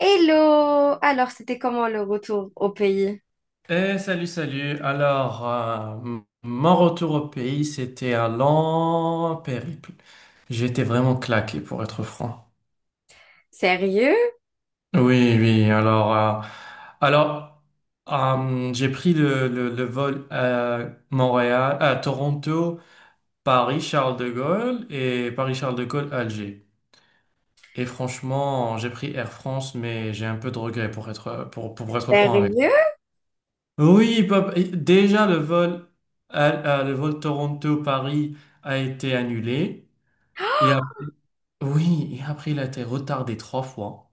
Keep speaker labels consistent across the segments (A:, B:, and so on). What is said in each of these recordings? A: Hello! Alors, c'était comment le retour au pays?
B: Eh, salut, salut. Alors, mon retour au pays, c'était un long périple. J'étais vraiment claqué, pour être franc.
A: Sérieux?
B: Oui, oui. Alors, j'ai pris le vol à Montréal, à Toronto, Paris, Charles de Gaulle et Paris, Charles de Gaulle, Alger. Et franchement, j'ai pris Air France, mais j'ai un peu de regret pour être franc avec.
A: Sérieux?
B: Oui, bah, et déjà le vol, à- le vol Toronto-Paris a été annulé. Et après- oui, et après il a été retardé trois fois.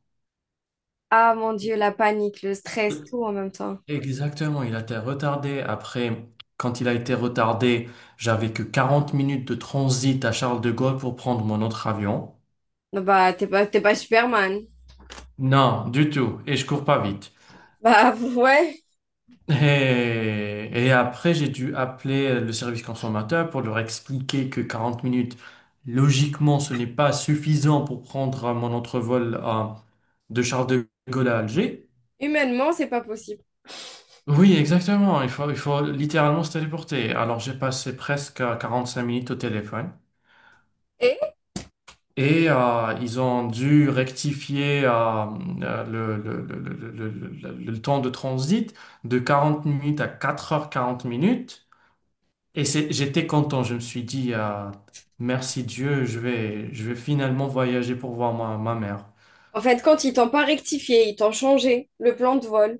A: Ah mon Dieu, la panique, le stress, tout en même temps.
B: Exactement, il a été retardé. Après, quand il a été retardé, j'avais que 40 minutes de transit à Charles de Gaulle pour prendre mon autre avion.
A: Non, bah, t'es pas Superman.
B: Non, du tout. Et je cours pas vite.
A: Bah, ouais,
B: Et après, j'ai dû appeler le service consommateur pour leur expliquer que 40 minutes, logiquement, ce n'est pas suffisant pour prendre mon entrevol de Charles de Gaulle à Alger.
A: humainement, c'est pas possible.
B: Oui, exactement. Il faut littéralement se téléporter. Alors, j'ai passé presque 45 minutes au téléphone.
A: Et?
B: Et ils ont dû rectifier le temps de transit de 40 minutes à 4 h 40. J'étais content, je me suis dit, ah, merci Dieu, je vais finalement voyager pour voir ma mère.
A: En fait, quand ils t'ont pas rectifié, ils t'ont changé le plan de vol.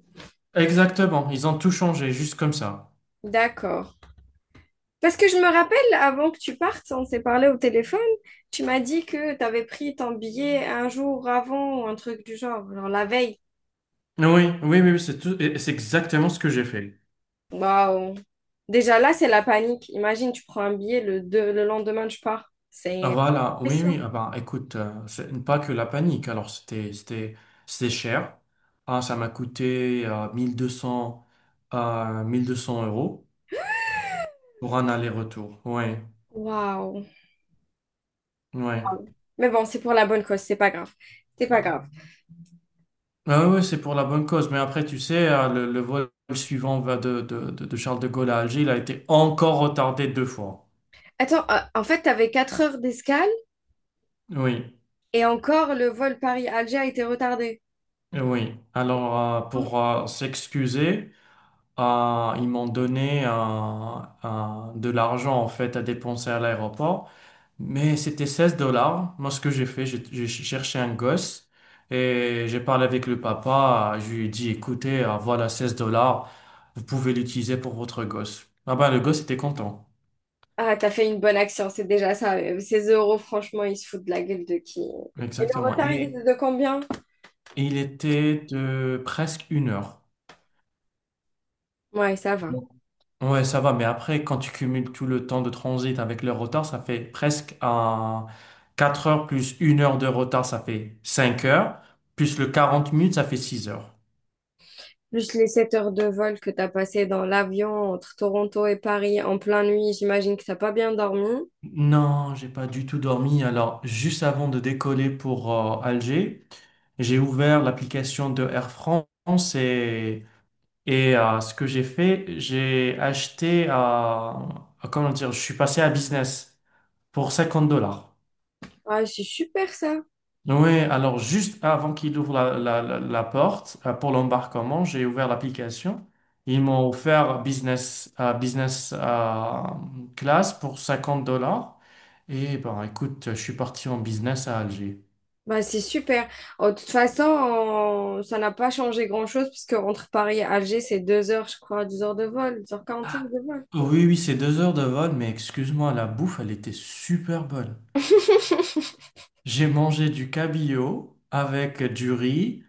B: Exactement, ils ont tout changé, juste comme ça.
A: D'accord. Parce que je me rappelle, avant que tu partes, on s'est parlé au téléphone, tu m'as dit que t'avais pris ton billet un jour avant ou un truc du genre, genre la veille.
B: Oui, oui, oui, oui, c'est tout, et c'est exactement ce que j'ai fait.
A: Waouh. Déjà là, c'est la panique. Imagine, tu prends un billet, le lendemain, tu pars.
B: Ah,
A: C'est.
B: voilà, oui, oui,
A: Pression.
B: ah ben, écoute, c'est pas que la panique, alors c'était cher. Ah, ça m'a coûté 1200, 1200 euros pour un aller-retour, oui,
A: Waouh.
B: oui.
A: Mais bon, c'est pour la bonne cause, c'est pas grave. C'est pas grave.
B: Ah oui, c'est pour la bonne cause. Mais après, tu sais, le vol suivant va de Charles de Gaulle à Alger, il a été encore retardé deux fois.
A: Attends, en fait, t'avais 4 heures d'escale
B: Oui,
A: et encore le vol Paris-Alger a été retardé.
B: oui. Alors, pour s'excuser, ils m'ont donné de l'argent, en fait, à dépenser à l'aéroport. Mais c'était 16 dollars. Moi, ce que j'ai fait, j'ai cherché un gosse et j'ai parlé avec le papa. Je lui ai dit, écoutez, voilà 16 dollars, vous pouvez l'utiliser pour votre gosse. Ah ben, le gosse était content.
A: Ah, t'as fait une bonne action, c'est déjà ça. Ces euros, franchement, ils se foutent de la gueule de qui? Et le
B: Exactement.
A: retard, il était
B: Et,
A: de combien?
B: et il était de presque une heure.
A: Ouais, ça va.
B: Donc, ouais, ça va, mais après, quand tu cumules tout le temps de transit avec le retard, ça fait presque un 4 heures plus une heure de retard, ça fait 5 heures. Plus le 40 minutes, ça fait six heures.
A: Plus les 7 heures de vol que tu as passées dans l'avion entre Toronto et Paris en pleine nuit, j'imagine que t'as pas bien dormi.
B: Non, j'ai pas du tout dormi. Alors, juste avant de décoller pour Alger, j'ai ouvert l'application de Air France et ce que j'ai fait, j'ai acheté, comment dire, je suis passé à business pour 50 dollars.
A: Ah, c'est super ça.
B: Oui, alors juste avant qu'il ouvre la porte pour l'embarquement, j'ai ouvert l'application. Ils m'ont offert business class pour 50 dollars. Et ben écoute, je suis parti en business à Alger.
A: Bah, c'est super. Oh, de toute façon, ça n'a pas changé grand-chose puisque entre Paris et Alger, c'est 2 heures, je crois, 2 heures de vol, 2 h 45 de vol.
B: Oui, oui, c'est deux heures de vol, mais excuse-moi, la bouffe, elle était super bonne. J'ai mangé du cabillaud avec du riz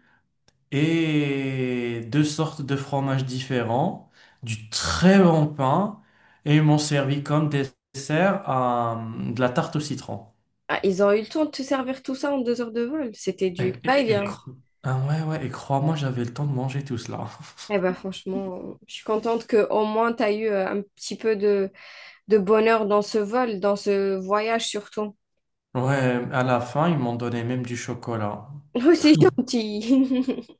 B: et deux sortes de fromages différents, du très bon pain, et ils m'ont servi comme dessert de la tarte au citron.
A: Ah, ils ont eu le temps de te servir tout ça en 2 heures de vol. C'était
B: Et,
A: du
B: et- et
A: va-et-vient.
B: cro- ah ouais, ouais, et crois-moi, j'avais le temps de manger tout cela.
A: Eh ben franchement, je suis contente que au moins tu as eu un petit peu de, bonheur dans ce vol, dans ce voyage surtout.
B: Ouais, à la fin, ils m'ont donné même du chocolat.
A: Oh, c'est gentil.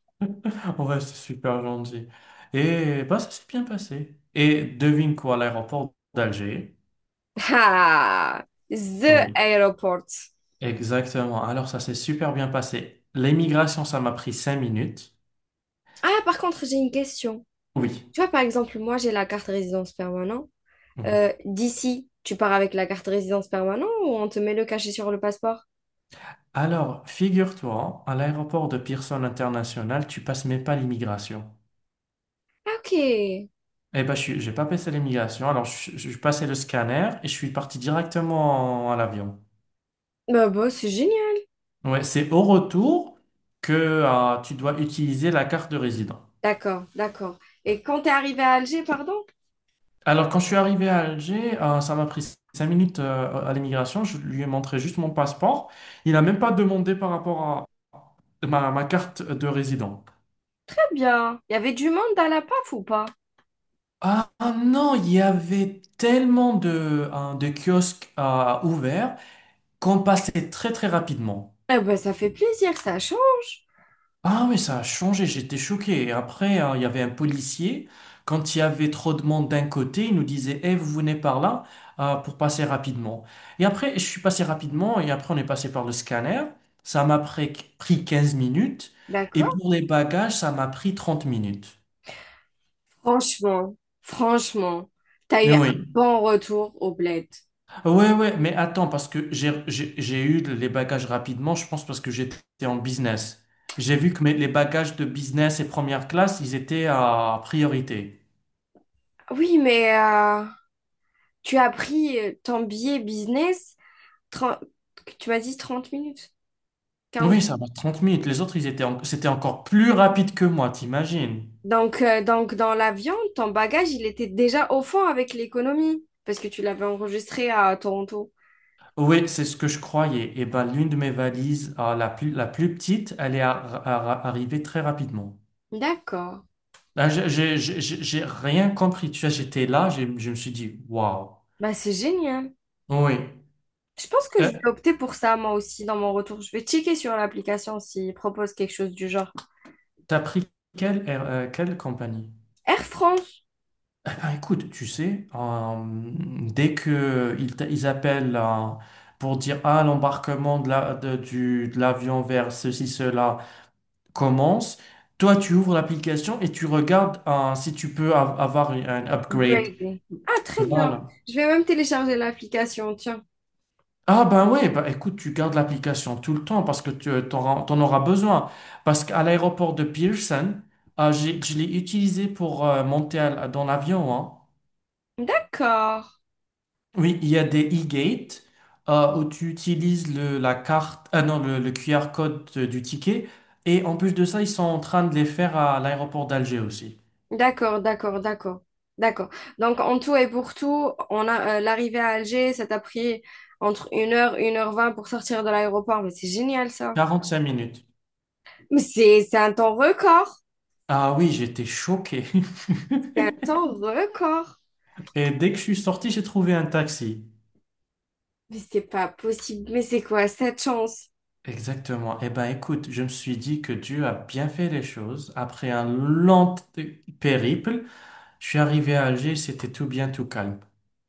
B: Ouais, c'est super gentil. Et bah, ça s'est bien passé. Et devine quoi, l'aéroport d'Alger.
A: Ah, the
B: Oui,
A: airport.
B: exactement. Alors, ça s'est super bien passé. L'émigration, ça m'a pris cinq minutes.
A: Ah, par contre, j'ai une question.
B: Oui.
A: Tu vois, par exemple, moi, j'ai la carte résidence permanente.
B: Oui.
A: D'ici, tu pars avec la carte résidence permanente ou on te met le cachet sur le passeport?
B: Alors, figure-toi, à l'aéroport de Pearson International, tu passes même pas l'immigration.
A: Ah, ok.
B: Eh ben, j'ai pas passé l'immigration. Alors, je passais le scanner et je suis parti directement à l'avion.
A: Bah, bah, c'est génial.
B: Ouais, c'est au retour que tu dois utiliser la carte de résident.
A: D'accord, d'accord. Et quand t'es arrivé à Alger, pardon?
B: Alors, quand je suis arrivé à Alger, ça m'a pris cinq minutes à l'immigration. Je lui ai montré juste mon passeport. Il n'a même pas demandé par rapport à ma carte de résident.
A: Très bien, il y avait du monde à la PAF ou pas?
B: Ah non, il y avait tellement de, hein, de kiosques à ouverts qu'on passait très très rapidement.
A: Ah bah, ça fait plaisir, ça change.
B: Ah mais ça a changé, j'étais choqué. Et après, hein, il y avait un policier, quand il y avait trop de monde d'un côté, il nous disait, Eh, vous venez par là pour passer rapidement. Et après, je suis passé rapidement et après on est passé par le scanner. Ça m'a pris 15 minutes et
A: D'accord?
B: pour les bagages, ça m'a pris 30 minutes.
A: Franchement, franchement, t'as eu
B: Mais
A: un
B: oui.
A: bon retour au bled.
B: Ouais, ouais, mais attends, parce que j'ai eu les bagages rapidement, je pense, parce que j'étais en business. J'ai vu que les bagages de business et première classe, ils étaient à priorité.
A: Oui, mais tu as pris ton billet business, 30, tu m'as dit 30 minutes, quarante.
B: Oui, ça va. 30 minutes. Les autres, ils étaient c'était encore plus rapide que moi, t'imagines?
A: Donc dans l'avion, ton bagage, il était déjà au fond avec l'économie, parce que tu l'avais enregistré à Toronto.
B: Oui, c'est ce que je croyais. Et ben, l'une de mes valises, ah, la plus petite, elle est arrivée très rapidement.
A: D'accord.
B: Là, j'ai rien compris. Tu vois, j'étais là, je me suis dit, waouh.
A: Bah, c'est génial.
B: Oui.
A: Je pense que je
B: Euh,
A: vais opter pour ça, moi aussi, dans mon retour. Je vais checker sur l'application s'il propose quelque chose du genre.
B: T'as pris quelle compagnie?
A: Air France.
B: Eh ben, écoute, tu sais, dès que ils appellent pour dire ah l'embarquement de de l'avion vers ceci, cela commence, toi tu ouvres l'application et tu regardes si tu peux avoir un upgrade.
A: Grey Grey. Ah, très bien.
B: Voilà.
A: Je vais même télécharger l'application, tiens.
B: Ah ben oui, bah écoute, tu gardes l'application tout le temps parce que tu t'en auras besoin. Parce qu'à l'aéroport de Pearson, ah, je l'ai utilisé pour monter dans l'avion, hein.
A: D'accord.
B: Oui, il y a des e-gates où tu utilises le, la carte, ah non, le QR code du ticket. Et en plus de ça, ils sont en train de les faire à l'aéroport d'Alger aussi.
A: D'accord, d'accord, d'accord. D'accord. Donc, en tout et pour tout, on a l'arrivée à Alger, ça t'a pris entre 1 h, 1 h 20 pour sortir de l'aéroport. Mais c'est génial, ça.
B: 45 minutes.
A: Mais c'est un temps record.
B: Ah oui, j'étais choqué.
A: C'est un temps record.
B: Et dès que je suis sorti, j'ai trouvé un taxi.
A: Mais c'est pas possible. Mais c'est quoi cette chance?
B: Exactement. Eh ben, écoute, je me suis dit que Dieu a bien fait les choses. Après un long périple, je suis arrivé à Alger, c'était tout bien, tout calme.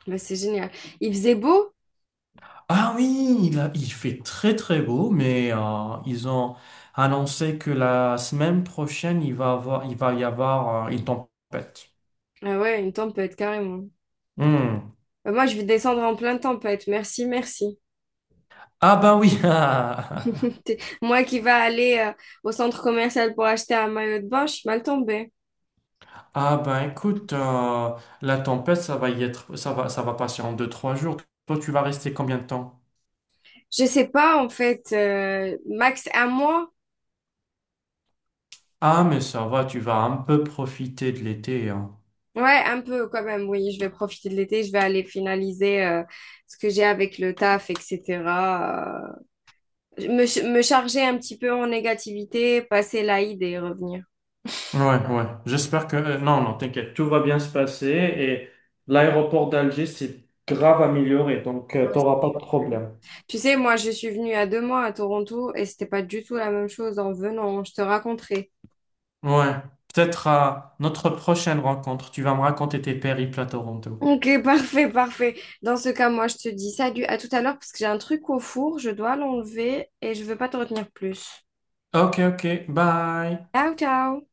A: Mais c'est génial. Il faisait beau?
B: Ah oui, il fait très très beau, mais ils ont annoncé que la semaine prochaine, il va y avoir une tempête.
A: Ah ouais, une tempête, carrément.
B: Hmm.
A: Moi, je vais descendre en pleine tempête. Merci, merci.
B: Ah ben oui.
A: Moi qui va aller au centre commercial pour acheter un maillot de bain, je suis mal tombée.
B: Ah ben écoute, la tempête, ça va y être, ça va passer en deux, trois jours. Toi, tu vas rester combien de temps?
A: Je sais pas, en fait, max 1 mois.
B: Ah mais ça va, tu vas un peu profiter de l'été, hein.
A: Ouais, un peu quand même, oui. Je vais profiter de l'été, je vais aller finaliser ce que j'ai avec le taf, etc. Me, me charger un petit peu en négativité, passer l'Aïd et revenir.
B: Ouais, ouais. Non, non, t'inquiète, tout va bien se passer et l'aéroport d'Alger s'est grave amélioré, donc
A: Ouais, c'est
B: t'auras pas de
A: super.
B: problème.
A: Tu sais, moi, je suis venue à 2 mois à Toronto et c'était pas du tout la même chose en venant, je te raconterai.
B: Ouais. Peut-être à notre prochaine rencontre, tu vas me raconter tes périples à Toronto.
A: Ok, parfait, parfait. Dans ce cas, moi, je te dis salut, à tout à l'heure, parce que j'ai un truc au four, je dois l'enlever et je veux pas te retenir plus.
B: Ok, ok, bye.
A: Ciao, ciao!